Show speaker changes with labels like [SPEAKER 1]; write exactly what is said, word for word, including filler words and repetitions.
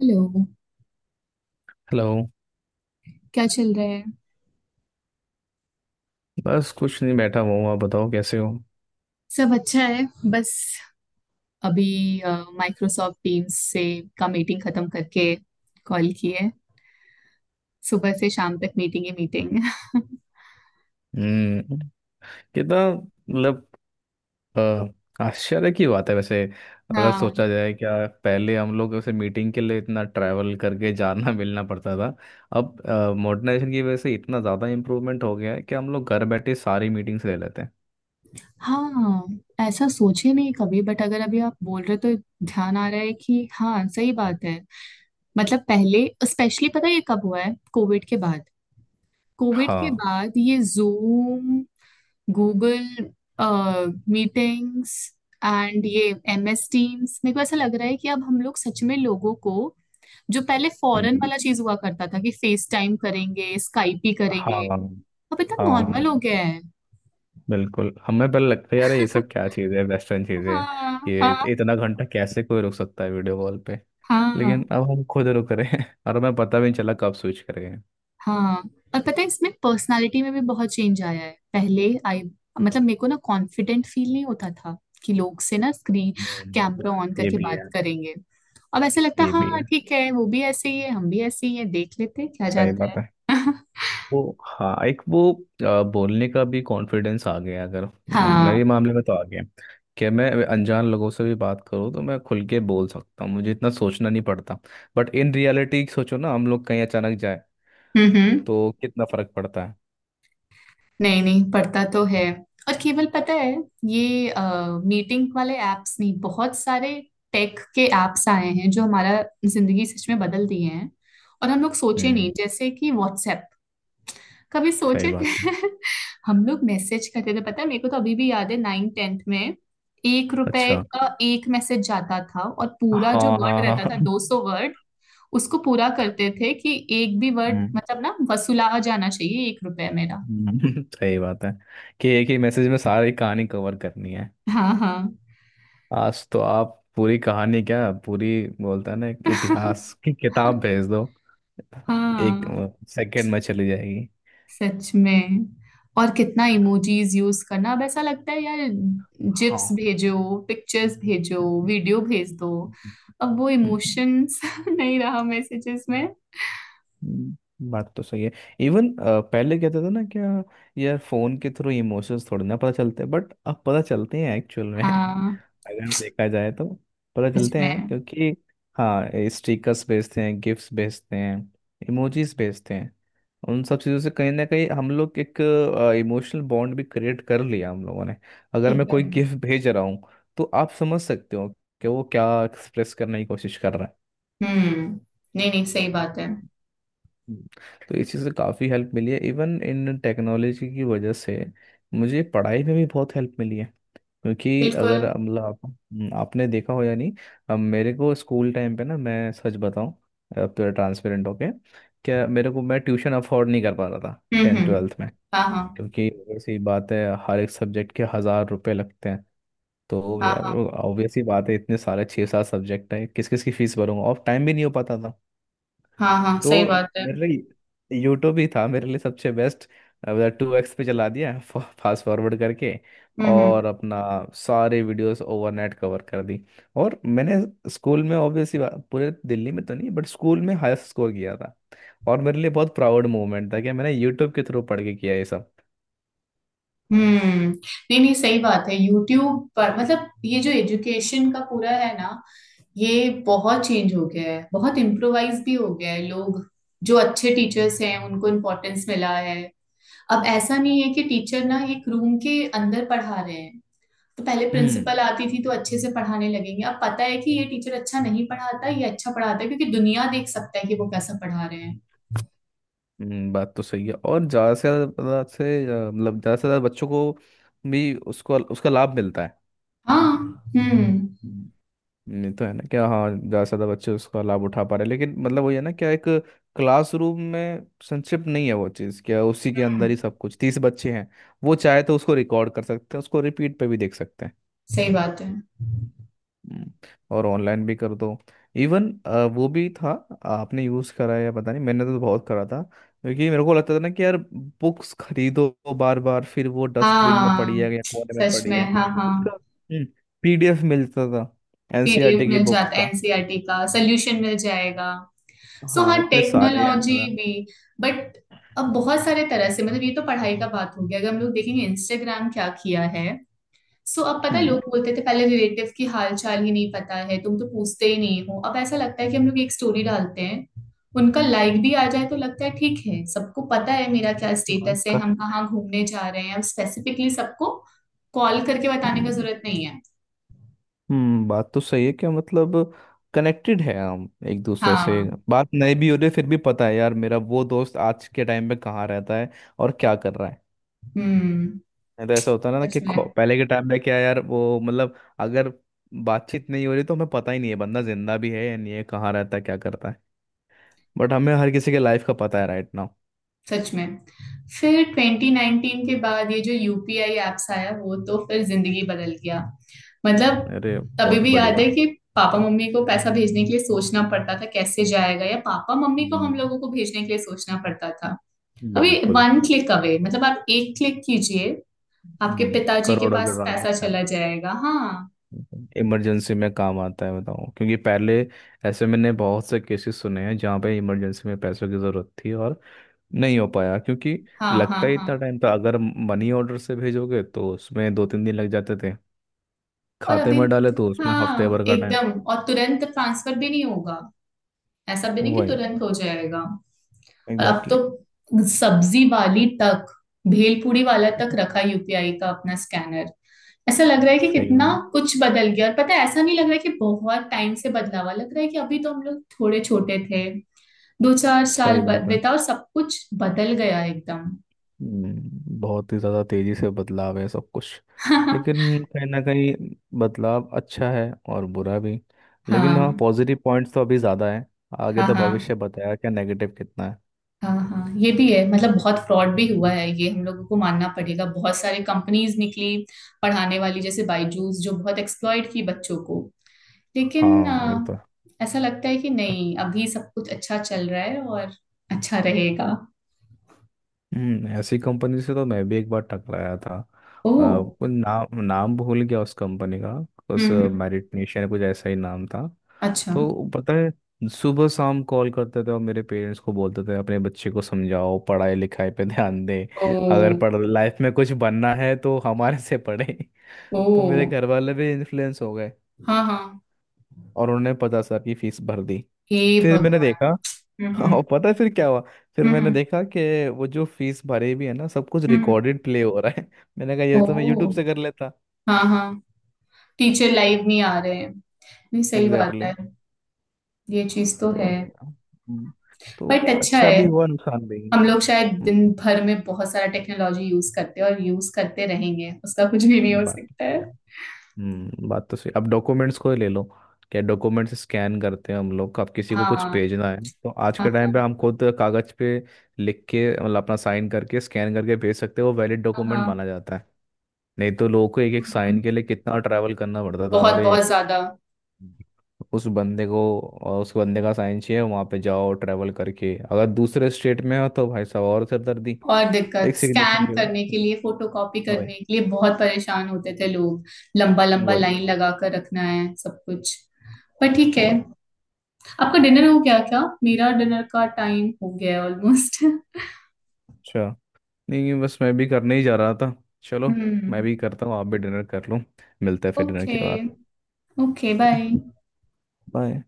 [SPEAKER 1] Hello.
[SPEAKER 2] Hello.
[SPEAKER 1] क्या चल रहा है?
[SPEAKER 2] बस कुछ नहीं, बैठा हुआ हूँ। आप बताओ, कैसे हो?
[SPEAKER 1] सब अच्छा है। बस अभी माइक्रोसॉफ्ट टीम्स से का मीटिंग खत्म करके कॉल की है। सुबह से शाम तक मीटिंग ही मीटिंग।
[SPEAKER 2] हम्म। कितना, मतलब अ, आश्चर्य की बात है वैसे, अगर
[SPEAKER 1] हाँ।
[SPEAKER 2] सोचा जाए। क्या पहले हम लोग वैसे मीटिंग के लिए इतना ट्रैवल करके जाना मिलना पड़ता था। अब मॉडर्नाइजेशन की वजह से इतना ज़्यादा इम्प्रूवमेंट हो गया है कि हम लोग घर बैठे सारी मीटिंग्स ले लेते हैं।
[SPEAKER 1] हाँ, ऐसा सोचे नहीं कभी बट अगर अभी आप बोल रहे हो तो ध्यान आ रहा है कि हाँ सही बात है। मतलब पहले स्पेशली पता है ये कब हुआ है? कोविड के बाद। कोविड के
[SPEAKER 2] हाँ।
[SPEAKER 1] बाद ये जूम, गूगल मीटिंग्स एंड ये एम एस टीम्स, मेरे को ऐसा लग रहा है कि अब हम लोग सच में लोगों को जो पहले फॉरेन
[SPEAKER 2] हम्म,
[SPEAKER 1] वाला चीज हुआ करता था कि फेस टाइम करेंगे स्काइप ही
[SPEAKER 2] हाँ।
[SPEAKER 1] करेंगे, अब इतना
[SPEAKER 2] हाँ,
[SPEAKER 1] नॉर्मल हो गया है।
[SPEAKER 2] बिल्कुल। हमें पहले लगता है यार ये सब क्या चीज़ है, वेस्टर्न चीज़ है।
[SPEAKER 1] हाँ,
[SPEAKER 2] ये
[SPEAKER 1] हाँ।
[SPEAKER 2] इतना घंटा कैसे कोई रुक सकता है वीडियो कॉल।
[SPEAKER 1] हाँ,
[SPEAKER 2] लेकिन अब हम खुद रुक रहे हैं और हमें पता भी नहीं चला कब स्विच कर गए।
[SPEAKER 1] हाँ। और पता है, इसमें पर्सनालिटी में भी बहुत चेंज आया है। पहले आई मतलब मेरे को ना कॉन्फिडेंट फील नहीं होता था कि लोग से ना स्क्रीन
[SPEAKER 2] हम्म।
[SPEAKER 1] कैमरा ऑन
[SPEAKER 2] ये
[SPEAKER 1] करके
[SPEAKER 2] भी
[SPEAKER 1] बात
[SPEAKER 2] है।
[SPEAKER 1] करेंगे। अब ऐसा लगता है
[SPEAKER 2] ये भी
[SPEAKER 1] हाँ
[SPEAKER 2] है।
[SPEAKER 1] ठीक है, वो भी ऐसे ही है हम भी ऐसे ही है, देख लेते हैं क्या
[SPEAKER 2] सही
[SPEAKER 1] जाता
[SPEAKER 2] बात है।
[SPEAKER 1] है।
[SPEAKER 2] वो, हाँ, एक वो, आ, बोलने का भी कॉन्फिडेंस आ गया। अगर हम्म,
[SPEAKER 1] हाँ।
[SPEAKER 2] मेरे मामले में तो आ गया कि मैं अनजान लोगों से भी बात करूँ तो मैं खुल के बोल सकता हूँ, मुझे इतना सोचना नहीं पड़ता। बट इन रियलिटी सोचो ना, हम लोग कहीं अचानक जाए
[SPEAKER 1] हम्म, हम्म।
[SPEAKER 2] तो कितना फर्क पड़ता है।
[SPEAKER 1] नहीं नहीं, पढ़ता तो है। और केवल पता है ये मीटिंग वाले एप्स नहीं, बहुत सारे टेक के एप्स आए हैं जो हमारा जिंदगी सच में बदल दिए हैं। और हम लोग सोचे नहीं
[SPEAKER 2] हम्म।
[SPEAKER 1] जैसे कि व्हाट्सएप कभी
[SPEAKER 2] सही
[SPEAKER 1] सोचे
[SPEAKER 2] बात
[SPEAKER 1] थे?
[SPEAKER 2] है।
[SPEAKER 1] हम लोग मैसेज करते थे, पता है मेरे को तो अभी भी याद है नाइन टेंथ में एक रुपए
[SPEAKER 2] अच्छा।
[SPEAKER 1] का एक मैसेज जाता था और पूरा जो
[SPEAKER 2] हाँ,
[SPEAKER 1] वर्ड
[SPEAKER 2] हाँ,
[SPEAKER 1] रहता था
[SPEAKER 2] हाँ।
[SPEAKER 1] दो सौ वर्ड उसको पूरा करते थे कि एक भी वर्ड
[SPEAKER 2] हम्म,
[SPEAKER 1] मतलब ना वसूला जाना चाहिए एक रुपए मेरा।
[SPEAKER 2] हम्म। सही बात है कि एक ही मैसेज में सारी कहानी कवर करनी है।
[SPEAKER 1] हाँ, हाँ।
[SPEAKER 2] आज तो आप पूरी कहानी, क्या पूरी बोलता है ना, एक इतिहास की किताब भेज दो। एक
[SPEAKER 1] हाँ,
[SPEAKER 2] सेकंड में चली जाएगी।
[SPEAKER 1] सच में। और कितना इमोजीज यूज करना अब ऐसा लगता है यार जिप्स
[SPEAKER 2] हाँ।
[SPEAKER 1] भेजो पिक्चर्स भेजो वीडियो भेज दो।
[SPEAKER 2] हम्म,
[SPEAKER 1] अब वो इमोशंस नहीं रहा मैसेजेस में।
[SPEAKER 2] हम्म, बात तो सही है। इवन पहले कहते थे ना, क्या यार फोन के थ्रू इमोशंस थोड़ी ना पता चलते, बट अब पता चलते हैं एक्चुअल में,
[SPEAKER 1] हाँ,
[SPEAKER 2] अगर देखा जाए तो। पता
[SPEAKER 1] सच
[SPEAKER 2] चलते
[SPEAKER 1] में
[SPEAKER 2] हैं क्योंकि हाँ, स्टिकर्स भेजते हैं, गिफ्ट्स भेजते हैं, इमोजीज भेजते हैं। उन सब चीज़ों से कहीं ना कहीं हम लोग एक इमोशनल बॉन्ड भी क्रिएट कर लिया हम लोगों ने। अगर मैं कोई
[SPEAKER 1] एकदम।
[SPEAKER 2] गिफ्ट भेज रहा हूँ तो आप समझ सकते हो कि वो क्या एक्सप्रेस करने की कोशिश कर रहा है।
[SPEAKER 1] हम्म। नहीं नहीं, सही बात है।
[SPEAKER 2] हम्म। तो इस चीज़ से काफ़ी हेल्प मिली है, इवन इन टेक्नोलॉजी की वजह से। मुझे पढ़ाई में भी बहुत हेल्प मिली है, क्योंकि अगर
[SPEAKER 1] बिल्कुल।
[SPEAKER 2] अब मतलब आप, हम्म, आपने देखा हो या नहीं। अब मेरे को स्कूल टाइम पे ना, मैं सच बताऊं, अब पूरा ट्रांसपेरेंट होके, क्या मेरे को, मैं ट्यूशन अफोर्ड नहीं कर पा रहा था
[SPEAKER 1] हम्म,
[SPEAKER 2] टेंथ
[SPEAKER 1] हम्म।
[SPEAKER 2] ट्वेल्थ में।
[SPEAKER 1] हाँ, हाँ,
[SPEAKER 2] क्योंकि ऐसी बात है, हर एक सब्जेक्ट के हज़ार रुपए लगते हैं। तो यार
[SPEAKER 1] हाँ।
[SPEAKER 2] ऑब्वियस ही बात है, इतने सारे छः सात सब्जेक्ट है, किस किस की फीस भरूंगा, और टाइम भी नहीं हो पाता था।
[SPEAKER 1] हाँ, हाँ, हाँ, सही
[SPEAKER 2] तो
[SPEAKER 1] बात है।
[SPEAKER 2] मेरे लिए यूट्यूब ही था, मेरे लिए सबसे बेस्ट। टू एक्स पे चला दिया फास्ट फॉरवर्ड करके,
[SPEAKER 1] हम्म,
[SPEAKER 2] और
[SPEAKER 1] हम्म।
[SPEAKER 2] अपना सारे वीडियोस ओवरनाइट कवर कर दी। और मैंने स्कूल में ऑब्वियसली, पूरे दिल्ली में तो नहीं बट स्कूल में हाईएस्ट स्कोर किया था। और मेरे लिए बहुत प्राउड मोमेंट था कि मैंने यूट्यूब के थ्रू पढ़ के किया ये सब।
[SPEAKER 1] हम्म, नहीं नहीं सही बात है। यूट्यूब पर मतलब ये जो एजुकेशन का पूरा है ना, ये बहुत चेंज हो गया है, बहुत इम्प्रोवाइज भी हो गया है लोग। जो अच्छे टीचर्स हैं उनको इम्पोर्टेंस मिला है। अब ऐसा नहीं है कि टीचर ना एक रूम के अंदर पढ़ा रहे हैं तो पहले
[SPEAKER 2] हम्म,
[SPEAKER 1] प्रिंसिपल आती थी तो अच्छे से पढ़ाने लगेंगे। अब पता है कि ये टीचर अच्छा नहीं पढ़ाता ये अच्छा पढ़ाता है क्योंकि दुनिया देख सकता है कि वो कैसा पढ़ा रहे हैं।
[SPEAKER 2] हम्म, बात तो सही है। और ज़्यादा से ज़्यादा से अ, मतलब ज़्यादा से ज़्यादा बच्चों को भी उसको उसका लाभ मिलता है।
[SPEAKER 1] हाँ। हम्म,
[SPEAKER 2] हम्म, ये तो है ना क्या। हाँ, ज़्यादा से ज़्यादा बच्चे उसका लाभ उठा पा रहे हैं। लेकिन मतलब वही है ना क्या, एक क्लासरूम में संक्षिप्त नहीं है वो चीज़ क्या, उसी के अंदर
[SPEAKER 1] हम्म,
[SPEAKER 2] ही सब कुछ तीस बच्चे हैं। वो चाहे तो उसको रिकॉर्ड कर सकते हैं, उसको रिपीट पे भी देख सकते हैं।
[SPEAKER 1] सही बात है।
[SPEAKER 2] हम्म। और ऑनलाइन भी कर दो। इवन वो भी था। आपने यूज़ करा है या पता नहीं, मैंने तो बहुत करा था, क्योंकि मेरे को लगता था ना कि यार बुक्स खरीदो, बार बार फिर वो डस्टबिन में पड़ी
[SPEAKER 1] हाँ,
[SPEAKER 2] है या कोने में
[SPEAKER 1] सच
[SPEAKER 2] पड़ी
[SPEAKER 1] में।
[SPEAKER 2] है।
[SPEAKER 1] हाँ, हाँ।
[SPEAKER 2] उसका पीडीएफ मिलता था,
[SPEAKER 1] पी डी एफ
[SPEAKER 2] एनसीईआरटी की
[SPEAKER 1] मिल
[SPEAKER 2] बुक्स
[SPEAKER 1] जाता है,
[SPEAKER 2] का।
[SPEAKER 1] N C E R T का सोल्यूशन मिल जाएगा।
[SPEAKER 2] हम्म।
[SPEAKER 1] सो हाँ,
[SPEAKER 2] हाँ, इतने सारे ऐप
[SPEAKER 1] टेक्नोलॉजी
[SPEAKER 2] था।
[SPEAKER 1] भी। बट अब बहुत सारे तरह से मतलब ये तो पढ़ाई का बात हो गया, अगर हम लोग देखेंगे इंस्टाग्राम क्या किया है। सो अब पता है
[SPEAKER 2] हम्म,
[SPEAKER 1] लोग बोलते थे पहले रिलेटिव की हाल चाल ही नहीं पता है तुम तो पूछते ही नहीं हो। अब ऐसा लगता है कि हम लोग एक स्टोरी डालते हैं उनका लाइक भी आ जाए
[SPEAKER 2] हम्म।
[SPEAKER 1] तो लगता है ठीक है, सबको पता है मेरा क्या
[SPEAKER 2] हाँ,
[SPEAKER 1] स्टेटस है,
[SPEAKER 2] का-
[SPEAKER 1] हम कहाँ घूमने जा रहे हैं। अब स्पेसिफिकली सबको कॉल करके बताने का
[SPEAKER 2] हम्म।
[SPEAKER 1] जरूरत नहीं है।
[SPEAKER 2] हम्म, बात तो सही है क्या, मतलब कनेक्टेड है हम एक दूसरे से।
[SPEAKER 1] हाँ।
[SPEAKER 2] बात नहीं भी हो रही फिर भी पता है यार, मेरा वो दोस्त आज के टाइम पे कहाँ रहता है और क्या कर रहा है।
[SPEAKER 1] हम्म।
[SPEAKER 2] नहीं तो ऐसा होता है ना
[SPEAKER 1] सच
[SPEAKER 2] कि
[SPEAKER 1] में,
[SPEAKER 2] खो- पहले के टाइम पे क्या यार, वो मतलब, अगर बातचीत नहीं हो रही तो हमें पता ही नहीं है बंदा जिंदा भी है या नहीं है, कहाँ रहता है क्या करता है। बट हमें हर किसी के लाइफ का पता है राइट नाउ।
[SPEAKER 1] सच में। फिर ट्वेंटी नाइन्टीन के बाद ये जो यू पी आई एप्स आया वो तो फिर जिंदगी बदल गया।
[SPEAKER 2] अरे,
[SPEAKER 1] मतलब अभी
[SPEAKER 2] बहुत
[SPEAKER 1] भी याद है
[SPEAKER 2] बढ़िया।
[SPEAKER 1] कि पापा मम्मी को पैसा भेजने के लिए सोचना पड़ता था कैसे जाएगा, या पापा मम्मी को हम
[SPEAKER 2] हम्म,
[SPEAKER 1] लोगों को भेजने के लिए सोचना पड़ता था। अभी
[SPEAKER 2] बिल्कुल।
[SPEAKER 1] वन क्लिक अवे, मतलब आप एक क्लिक कीजिए आपके
[SPEAKER 2] हम्म,
[SPEAKER 1] पिताजी के
[SPEAKER 2] करोड़ों
[SPEAKER 1] पास
[SPEAKER 2] करोड़।
[SPEAKER 1] पैसा चला जाएगा। हाँ,
[SPEAKER 2] इमरजेंसी में काम आता है बताओ, क्योंकि पहले ऐसे मैंने बहुत से केसेस सुने हैं जहाँ पे इमरजेंसी में पैसों की ज़रूरत थी और नहीं हो पाया, क्योंकि
[SPEAKER 1] हाँ। हाँ,
[SPEAKER 2] लगता ही
[SPEAKER 1] हाँ।
[SPEAKER 2] इतना टाइम था। अगर मनी ऑर्डर से भेजोगे तो उसमें दो तीन दिन लग जाते थे।
[SPEAKER 1] और
[SPEAKER 2] खाते
[SPEAKER 1] अभी
[SPEAKER 2] में डाले तो उसमें हफ्ते
[SPEAKER 1] हाँ
[SPEAKER 2] भर का टाइम।
[SPEAKER 1] एकदम, और तुरंत ट्रांसफर भी नहीं होगा, ऐसा भी नहीं कि
[SPEAKER 2] वही,
[SPEAKER 1] तुरंत हो जाएगा। और अब तो
[SPEAKER 2] एग्जैक्टली।
[SPEAKER 1] सब्जी वाली तक भेलपूरी वाला तक
[SPEAKER 2] exactly।
[SPEAKER 1] रखा यू पी आई का अपना स्कैनर। ऐसा लग रहा है कि
[SPEAKER 2] सही
[SPEAKER 1] कितना
[SPEAKER 2] बात
[SPEAKER 1] कुछ बदल गया और पता है ऐसा नहीं लग रहा है कि बहुत टाइम से, बदलावा लग रहा है कि अभी तो हम लोग थोड़े छोटे थे, दो चार साल
[SPEAKER 2] सही
[SPEAKER 1] ब-
[SPEAKER 2] बात है।
[SPEAKER 1] बीता और सब कुछ बदल गया एकदम।
[SPEAKER 2] हम्म, बहुत ही ज़्यादा तेज़ी से बदलाव है सब कुछ। लेकिन कहीं ना कहीं, बदलाव अच्छा है और बुरा भी। लेकिन हाँ,
[SPEAKER 1] हाँ,
[SPEAKER 2] पॉजिटिव पॉइंट्स तो अभी ज़्यादा है। आगे
[SPEAKER 1] हाँ।
[SPEAKER 2] तो
[SPEAKER 1] हाँ,
[SPEAKER 2] भविष्य बताया क्या नेगेटिव कितना है।
[SPEAKER 1] हाँ। हाँ, ये भी है, मतलब बहुत फ्रॉड भी हुआ है ये हम लोगों को मानना पड़ेगा, बहुत सारे कंपनीज निकली पढ़ाने वाली जैसे बायजूस जो बहुत एक्सप्लॉइट की बच्चों को। लेकिन
[SPEAKER 2] हाँ, ये तो
[SPEAKER 1] अ,
[SPEAKER 2] है।
[SPEAKER 1] ऐसा लगता है कि नहीं अभी सब कुछ अच्छा चल रहा है और अच्छा रहेगा।
[SPEAKER 2] हम्म, ऐसी कंपनी से तो मैं भी एक बार टकराया था।
[SPEAKER 1] ओह।
[SPEAKER 2] आ, नाम नाम भूल गया उस कंपनी का।
[SPEAKER 1] हम्म,
[SPEAKER 2] उस
[SPEAKER 1] हम्म,
[SPEAKER 2] मेरिट नेशन, कुछ ऐसा ही नाम था।
[SPEAKER 1] अच्छा।
[SPEAKER 2] तो पता है सुबह शाम कॉल करते थे और मेरे पेरेंट्स को बोलते थे अपने बच्चे को समझाओ, पढ़ाई लिखाई पे ध्यान दें।
[SPEAKER 1] ओ।
[SPEAKER 2] अगर पढ़ लाइफ में कुछ बनना है तो हमारे से पढ़े।
[SPEAKER 1] ओ,
[SPEAKER 2] तो मेरे घर वाले भी इन्फ्लुएंस हो गए
[SPEAKER 1] हाँ, हाँ।
[SPEAKER 2] और उन्होंने पचास हजार की फीस भर दी।
[SPEAKER 1] हे
[SPEAKER 2] फिर मैंने
[SPEAKER 1] भगवान।
[SPEAKER 2] देखा।
[SPEAKER 1] हम्म,
[SPEAKER 2] और
[SPEAKER 1] हम्म,
[SPEAKER 2] पता है फिर क्या हुआ। फिर मैंने
[SPEAKER 1] हम्म,
[SPEAKER 2] देखा कि वो जो फीस भरी भी है ना, सब कुछ
[SPEAKER 1] हम्म, हम्म।
[SPEAKER 2] रिकॉर्डेड प्ले हो रहा है। मैंने कहा
[SPEAKER 1] ओ,
[SPEAKER 2] ये तो मैं यूट्यूब से कर लेता।
[SPEAKER 1] हाँ, हाँ। टीचर लाइव नहीं आ रहे हैं। नहीं, सही बात
[SPEAKER 2] एग्जैक्टली,
[SPEAKER 1] है।
[SPEAKER 2] exactly।
[SPEAKER 1] ये चीज तो
[SPEAKER 2] तो
[SPEAKER 1] है।
[SPEAKER 2] हम्म, तो
[SPEAKER 1] बट अच्छा
[SPEAKER 2] अच्छा
[SPEAKER 1] है,
[SPEAKER 2] भी हुआ, नुकसान भी।
[SPEAKER 1] हम लोग शायद
[SPEAKER 2] हम्म,
[SPEAKER 1] दिन भर में बहुत सारा टेक्नोलॉजी यूज करते हैं और यूज करते रहेंगे उसका कुछ भी नहीं हो
[SPEAKER 2] बात
[SPEAKER 1] सकता है।
[SPEAKER 2] हम्म बात तो सही। अब डॉक्यूमेंट्स को ही ले लो, क्या डॉक्यूमेंट्स स्कैन करते हैं हम लोग। अब किसी को
[SPEAKER 1] हाँ,
[SPEAKER 2] कुछ
[SPEAKER 1] हाँ।
[SPEAKER 2] भेजना है तो आज के टाइम पे
[SPEAKER 1] हाँ,
[SPEAKER 2] हम खुद कागज पे लिख के, मतलब अपना साइन करके स्कैन करके भेज सकते हैं, वो वैलिड
[SPEAKER 1] हाँ।
[SPEAKER 2] डॉक्यूमेंट
[SPEAKER 1] हाँ,
[SPEAKER 2] माना जाता है। नहीं तो लोगों को एक एक
[SPEAKER 1] हम्म, हम्म।
[SPEAKER 2] साइन के लिए कितना ट्रैवल करना पड़ता था,
[SPEAKER 1] बहुत
[SPEAKER 2] अरे।
[SPEAKER 1] बहुत ज्यादा।
[SPEAKER 2] उस बंदे को और उस बंदे का साइन चाहिए, वहाँ पे जाओ ट्रैवल करके, अगर दूसरे स्टेट में हो तो भाई साहब और सिरदर्दी।
[SPEAKER 1] और दिक्कत
[SPEAKER 2] एक सिग्नेचर
[SPEAKER 1] स्कैन
[SPEAKER 2] के
[SPEAKER 1] करने के
[SPEAKER 2] लिए।
[SPEAKER 1] लिए फोटोकॉपी
[SPEAKER 2] वही।
[SPEAKER 1] करने के लिए बहुत परेशान होते थे लोग। लंबा लंबा
[SPEAKER 2] वही।
[SPEAKER 1] लाइन लगा कर रखना है सब कुछ। पर ठीक है,
[SPEAKER 2] वही।
[SPEAKER 1] आपका डिनर हो गया क्या? मेरा डिनर का टाइम हो गया है ऑलमोस्ट।
[SPEAKER 2] अच्छा। नहीं, बस मैं भी करने ही जा रहा था। चलो, मैं
[SPEAKER 1] हम्म।
[SPEAKER 2] भी करता हूँ, आप भी डिनर कर लो। मिलते हैं फिर डिनर
[SPEAKER 1] ओके।
[SPEAKER 2] के बाद।
[SPEAKER 1] Okay, bye.
[SPEAKER 2] बाय।